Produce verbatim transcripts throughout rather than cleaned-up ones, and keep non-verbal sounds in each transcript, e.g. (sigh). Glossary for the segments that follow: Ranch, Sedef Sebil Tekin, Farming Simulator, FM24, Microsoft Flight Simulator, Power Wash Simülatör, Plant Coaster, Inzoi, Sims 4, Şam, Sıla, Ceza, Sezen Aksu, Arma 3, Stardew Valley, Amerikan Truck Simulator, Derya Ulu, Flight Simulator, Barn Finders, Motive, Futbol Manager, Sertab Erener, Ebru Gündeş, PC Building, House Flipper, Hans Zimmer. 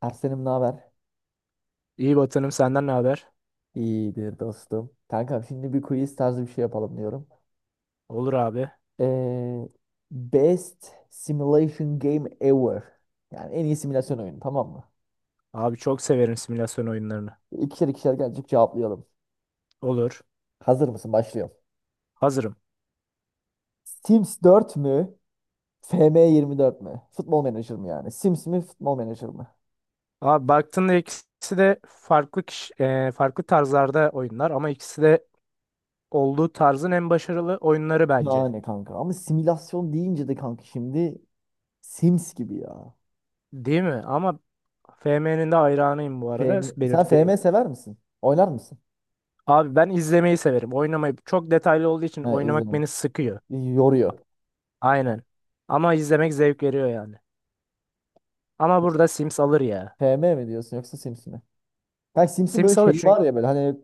Ersen'im ne haber? İyi Batı'nım senden ne haber? İyidir dostum. Kankam şimdi bir quiz tarzı bir şey yapalım diyorum. Olur abi. Ee, best simulation game ever. Yani en iyi simülasyon oyunu, tamam mı? Abi çok severim simülasyon oyunlarını. İkişer ikişer gelecek cevaplayalım. Olur. Hazır mısın? Başlıyorum. Hazırım. Sims dört mü? F M yirmi dört mü? Futbol Manager mı yani? Sims mi? Futbol Manager mı? Abi baktığında ikisi de farklı kişi, e, farklı tarzlarda oyunlar ama ikisi de olduğu tarzın en başarılı oyunları bence. Yani kanka ama simülasyon deyince de kanka şimdi Sims gibi ya. Değil mi? Ama F M'nin de hayranıyım bu arada F M... Sen F M belirteyim. sever misin? Oynar mısın? Abi ben izlemeyi severim. Oynamayı çok detaylı olduğu için He, oynamak izledim. beni sıkıyor. Yoruyor. Aynen. Ama izlemek zevk veriyor yani. Ama burada Sims alır ya. F M mi diyorsun yoksa Sims mi? Kanka Sims'in böyle Sims alır şeyi çünkü var ya, böyle hani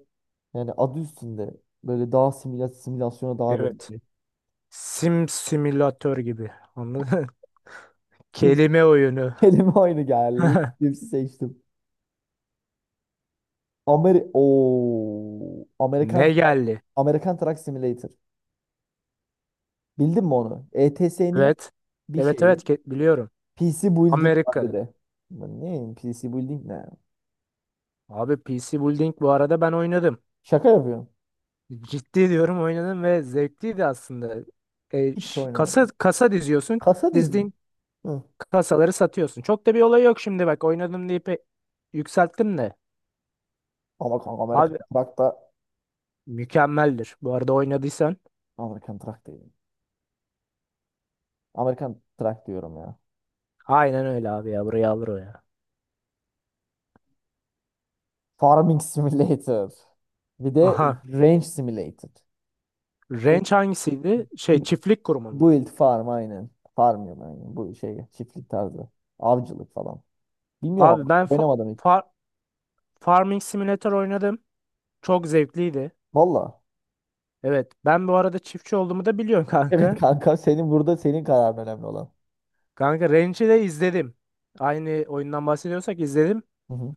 yani adı üstünde, böyle daha simüla simülasyona daha böyle bir evet. şey. Sim simülatör gibi. Anladın mı? (laughs) Sims Kelime oyunu. (laughs) kelime oyunu geldi. (laughs) Sims'i seçtim. Ameri Oo, Amerikan Ne Truck. geldi? Amerikan Truck Simulator. Bildin mi onu? E T S'nin Evet. bir Evet şeyi. evet ke- biliyorum. P C Building var bir Amerika'da. de. Ulan ne P C Building ne? Abi P C Building bu arada ben oynadım. Şaka yapıyorum. Ciddi diyorum oynadım ve zevkliydi aslında. E, Hiç ş- Kasa oynamadım. kasa diziyorsun. Kasa dizi. Dizdiğin Hı. kasaları satıyorsun. Çok da bir olay yok şimdi bak oynadım deyip e, yükselttim de. Ama kanka Amerikan Abi Truck da... mükemmeldir. Bu arada oynadıysan. Amerikan Truck değil, Amerikan Truck diyorum ya. Aynen öyle abi ya. Buraya alır o ya. Farming Simulator. Bir de Aha. Range Simulator. E, Range hangisiydi? Şey çiftlik kurumu. Build farm aynen. Farm Farmıyorum aynen. Bu şey, çiftlik tarzı. Avcılık falan. Bilmiyorum, Abi ama ben fa- oynamadım hiç. fa- Farming Simulator oynadım. Çok zevkliydi. Valla. (laughs) Evet, ben bu arada çiftçi olduğumu da biliyorsun (laughs) Evet kanka. kanka, senin burada, senin kararın önemli olan. Kanka Ranch'i de izledim. Aynı oyundan bahsediyorsak izledim. Hı hı.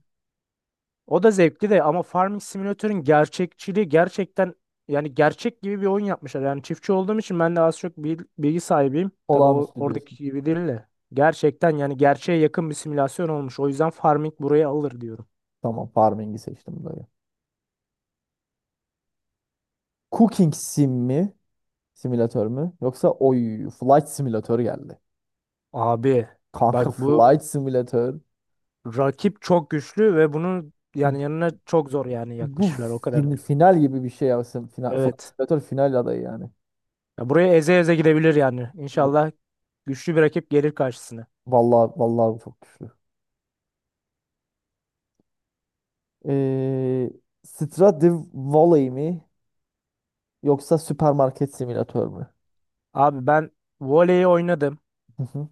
O da zevkli de ama Farming Simulator'ın gerçekçiliği gerçekten yani gerçek gibi bir oyun yapmışlar. Yani çiftçi olduğum için ben de az çok bil- bilgi sahibiyim. Tabii o, Olağanüstü diyorsun. oradaki gibi değil de. Gerçekten yani gerçeğe yakın bir simülasyon olmuş. O yüzden Farming buraya alır diyorum. Tamam, farming'i seçtim böyle. Cooking sim mi? Simülatör mü? Yoksa oy, flight simülatör geldi. Abi Kanka (laughs) bak bu flight simülatör. rakip çok güçlü ve bunun yani yanına çok zor yani Bu yaklaşırlar, o fin- kadardır. final gibi bir şey ya. Sim- Final, flight Evet. simülatör final adayı yani. Ya buraya eze eze gidebilir yani. İnşallah güçlü bir rakip gelir karşısına. Vallahi vallahi bu çok güçlü. Ee, Stradivari mi yoksa süpermarket simülatör mü? Abi ben voleyi oynadım. Hı hı.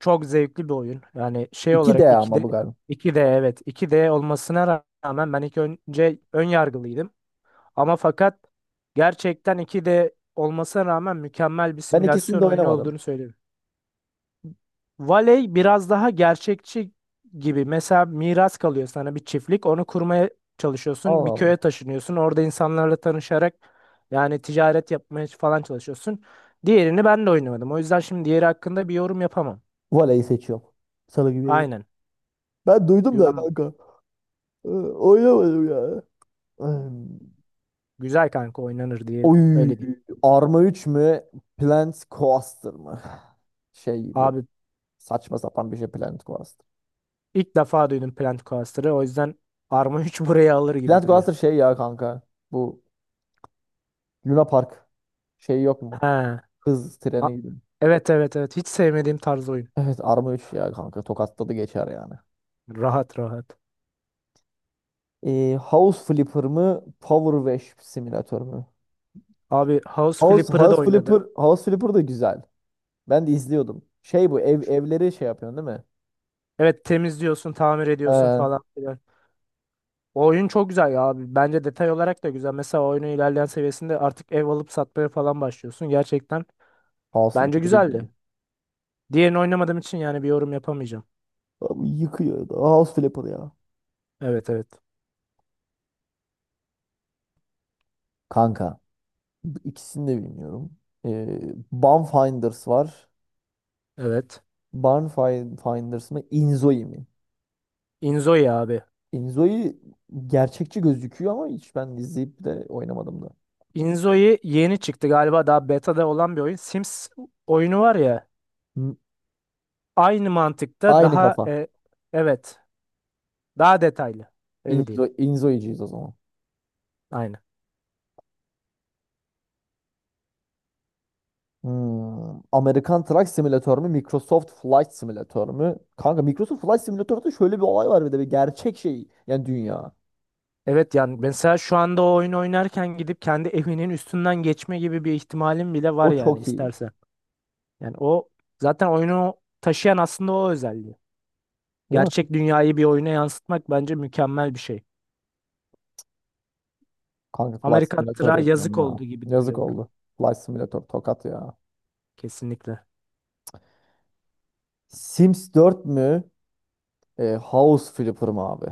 Çok zevkli bir oyun. Yani şey iki d olarak iki ama d bu galiba. iki d evet, iki d olmasına rağmen ben ilk önce ön yargılıydım. Ama fakat gerçekten iki d olmasına rağmen mükemmel bir Ben ikisini simülasyon de oyunu oynamadım. olduğunu söylüyorum. Valey biraz daha gerçekçi gibi. Mesela miras kalıyor sana bir çiftlik. Onu kurmaya çalışıyorsun. Allah Bir Allah. köye taşınıyorsun. Orada insanlarla tanışarak yani ticaret yapmaya falan çalışıyorsun. Diğerini ben de oynamadım. O yüzden şimdi diğeri hakkında bir yorum yapamam. Voleyi seçiyorum. Salı gibi. Aynen. Ben duydum da Güven kanka. Ee, Oynamadım ya. Ee, güzel kanka, oynanır diye öyle Oy. diyeyim. Arma üç mü? Plant Coaster mı? Şey bu. Abi Saçma sapan bir şey Plant Coaster. ilk defa duydum Plant Coaster'ı. O yüzden Arma üç (laughs) buraya alır gibi Plant duruyor. Coaster şey ya kanka. Bu Luna Park şey yok mu? He. Hız A- treni gibi. Evet evet evet. Hiç sevmediğim tarz oyun. Evet, Arma üç ya kanka, tokatladı geçer yani. Rahat rahat. Ee, House Flipper mı Power Wash Simülatör mü? Abi House House, Flipper'ı da House oynadım. Flipper, House Flipper da güzel. Ben de izliyordum. Şey, bu ev evleri şey yapıyorsun, değil mi? Evet, temizliyorsun, tamir ediyorsun Ee, falan filan. O oyun çok güzel ya abi. Bence detay olarak da güzel. Mesela oyunun ilerleyen seviyesinde artık ev alıp satmaya falan başlıyorsun. Gerçekten House bence Flipper iyi gibi. güzeldi. Diğerini oynamadığım için yani bir yorum yapamayacağım. Abi yıkıyor da, House Flipper ya. Evet evet. Kanka bu ikisini de bilmiyorum. Ee, Barn Finders var. Evet. Barn Finders mı Inzoi mi? Inzoi abi. Inzoi gerçekçi gözüküyor ama hiç ben izleyip de oynamadım da. Inzoi yeni çıktı galiba, daha beta'da olan bir oyun. Sims oyunu var ya. Hı, Aynı mantıkta aynı daha kafa. e, evet. Daha detaylı. Öyle Inzo, diyeyim. Inzo'yucuyuz o zaman. Aynen. Hmm. Amerikan Truck Simulator mu? Microsoft Flight Simulator mu? Kanka, Microsoft Flight Simulator'da şöyle bir olay var bir de, bir gerçek şey. Yani dünya. Evet, yani mesela şu anda o oyun oynarken gidip kendi evinin üstünden geçme gibi bir ihtimalim bile var O yani çok iyi. istersen. Yani o zaten oyunu taşıyan aslında o özelliği. Değil mi? Gerçek dünyayı bir oyuna yansıtmak bence mükemmel bir şey. Kanka Flight Amerikan Simulator tırağı yapıyorum yazık ya. oldu gibi Yazık duruyor burada. oldu. Flight Simulator tokat ya. Kesinlikle. Sims dört mü? E, House Flipper mı abi?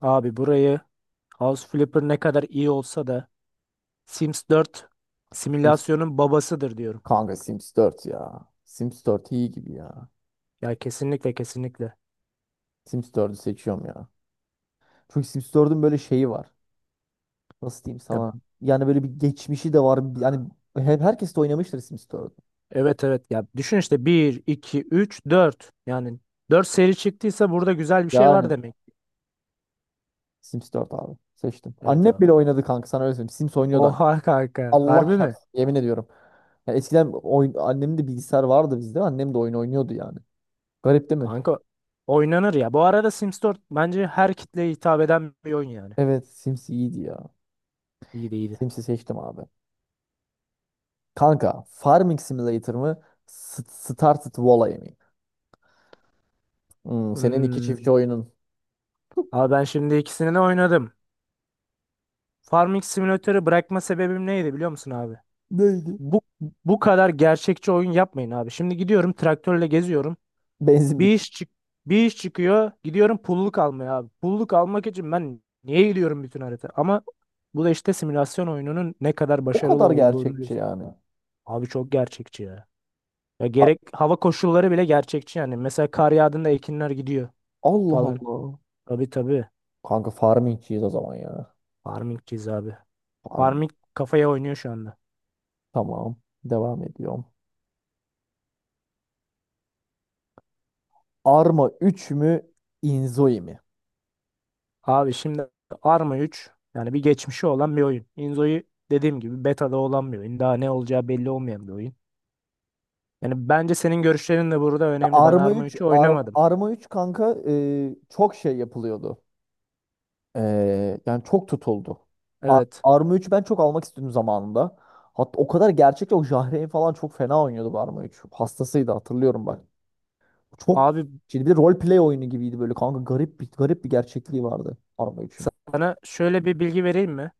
Abi burayı House Flipper ne kadar iyi olsa da Sims dört Sims, simülasyonun babasıdır diyorum. kanka Sims dört ya. Sims dört iyi gibi ya. Ya kesinlikle kesinlikle. Sims dördü seçiyorum ya. Çünkü Sims dördün böyle şeyi var. Nasıl diyeyim sana? Ya Yani böyle bir geçmişi de var. Yani hep herkes de oynamıştır Sims dört. evet evet, ya düşün işte bir iki üç dört, yani dört seri çıktıysa burada güzel bir şey var Yani demek. Sims dört abi. Seçtim. Evet Annem abi. bile oynadı kanka, sana öyle söyleyeyim. Sims oynuyordu annem. Oha kanka. Allah Harbi mi? çarpsın, yemin ediyorum. Yani eskiden oyun, annemin de bilgisayar vardı bizde. Annem de oyun oynuyordu yani. Garip değil mi? Kanka oynanır ya. Bu arada Sims dört bence her kitleye hitap eden bir oyun yani. Evet Sims iyiydi ya. İyiydi iyiydi. Sims'i seçtim abi. Kanka Farming Simulator mı? S- Started Valley mi? Hmm, senin iki Hmm. çiftçi oyunun. Abi ben şimdi ikisini de oynadım. Farming Simulator'ı bırakma sebebim neydi biliyor musun abi? Neydi? Bu bu kadar gerçekçi oyun yapmayın abi. Şimdi gidiyorum traktörle geziyorum. Benzin bit. Bir iş çık bir iş çıkıyor. Gidiyorum pulluk almaya abi. Pulluk almak için ben niye gidiyorum bütün harita? Ama bu da işte simülasyon oyununun ne kadar O başarılı kadar olduğunu gerçekçi gösteriyor. yani. Abi çok gerçekçi ya. Ya gerek hava koşulları bile gerçekçi yani. Mesela kar yağdığında ekinler gidiyor Allah falan. Allah. Tabii tabii. Kanka farmingçiyiz o zaman ya. Farmingçiyiz abi. Farm. Farming kafaya oynuyor şu anda. Tamam, devam ediyorum. Arma üç mü? Inzoi mi? Abi şimdi Arma üç yani bir geçmişi olan bir oyun. Inzo'yu dediğim gibi beta'da olan bir oyun. Daha ne olacağı belli olmayan bir oyun. Yani bence senin görüşlerin de burada Ya önemli. Ben Arma Arma üç, üçü Ar- oynamadım. Arma üç kanka, e, çok şey yapılıyordu. E, yani çok tutuldu. Ar- Evet. Arma üç ben çok almak istedim zamanında. Hatta o kadar, gerçekten o Jahreyn falan çok fena oynuyordu bu Arma üç. Hastasıydı, hatırlıyorum bak. Çok, Abi şimdi bir rol play oyunu gibiydi böyle kanka, garip bir garip bir gerçekliği vardı Arma üçün. sana şöyle bir bilgi vereyim mi?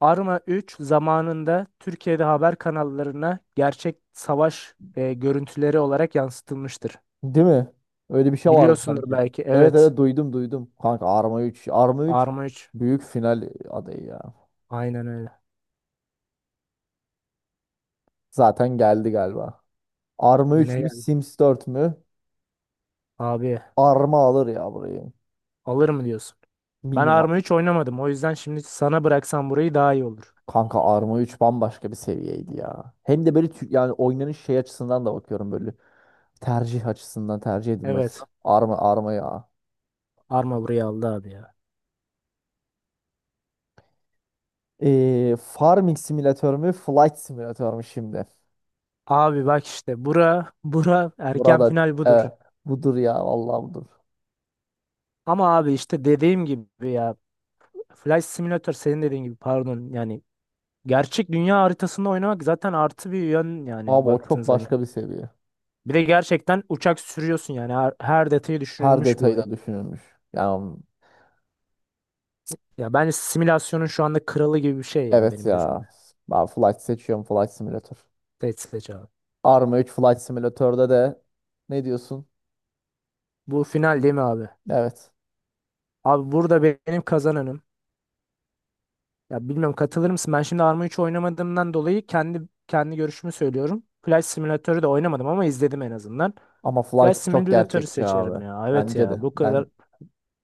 Arma üç zamanında Türkiye'de haber kanallarına gerçek savaş e, görüntüleri olarak yansıtılmıştır. Değil mi? Öyle bir şey vardı Biliyorsundur sanki. belki. Evet Evet. evet, duydum duydum. Kanka Arma üç. Arma üç Arma üç. büyük final adayı ya. Aynen öyle. Zaten geldi galiba. Arma üç Yine mü geldi. Sims dört mü? Abi Arma alır ya burayı. alır mı diyorsun? Ben Bilmiyorum abi. Arma üç oynamadım. O yüzden şimdi sana bıraksam burayı daha iyi olur. Kanka Arma üç bambaşka bir seviyeydi ya. Hem de böyle, tü- yani oynanış şey açısından da bakıyorum böyle. Tercih açısından, tercih edilme Evet. açısından. Arma Arma ya. Arma burayı aldı abi ya. Ee, Farming Simülatör mü Flight Simülatör mü şimdi? Abi bak işte bura bura erken Burada final budur. evet, budur ya, vallahi budur. Ama abi işte dediğim gibi ya, Flight Simulator senin dediğin gibi pardon, yani gerçek dünya haritasında oynamak zaten artı bir yön yani Abi o baktığın çok zaman. başka bir seviye. Bir de gerçekten uçak sürüyorsun yani her, her detayı Her düşünülmüş bir detayı oyun. da düşünülmüş. Yani Ya bence simülasyonun şu anda kralı gibi bir şey ya, evet benim gözümde. ya. Ben Flight seçiyorum, Flight Simulator. Flight Simulator abi. Arma üç Flight Simulator'da de, ne diyorsun? Bu final değil mi abi? Evet. Abi burada benim kazananım. Ya bilmiyorum, katılır mısın? Ben şimdi Arma üç oynamadığımdan dolayı kendi kendi görüşümü söylüyorum. Flight Simulator'ı da oynamadım ama izledim en azından. Ama Flight Flight çok Simulator'ı gerçekçi seçerim abi. ya. Evet Bence ya. de. Bu Ben kadar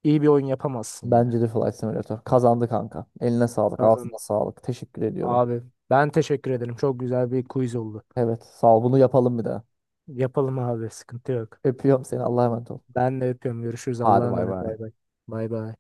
iyi bir oyun yapamazsın bence ya. de Flight Simulator. Kazandı kanka. Eline sağlık, ağzına Kazan sağlık. Teşekkür ediyorum. abi. Ben teşekkür ederim. Çok güzel bir quiz oldu. Evet, sağ ol. Bunu yapalım bir daha. Yapalım abi. Sıkıntı yok. Öpüyorum seni, Allah'a emanet ol. Ben de öpüyorum. Görüşürüz. Allah'a Hadi bay emanet. bay. Bay bay. Bay bay.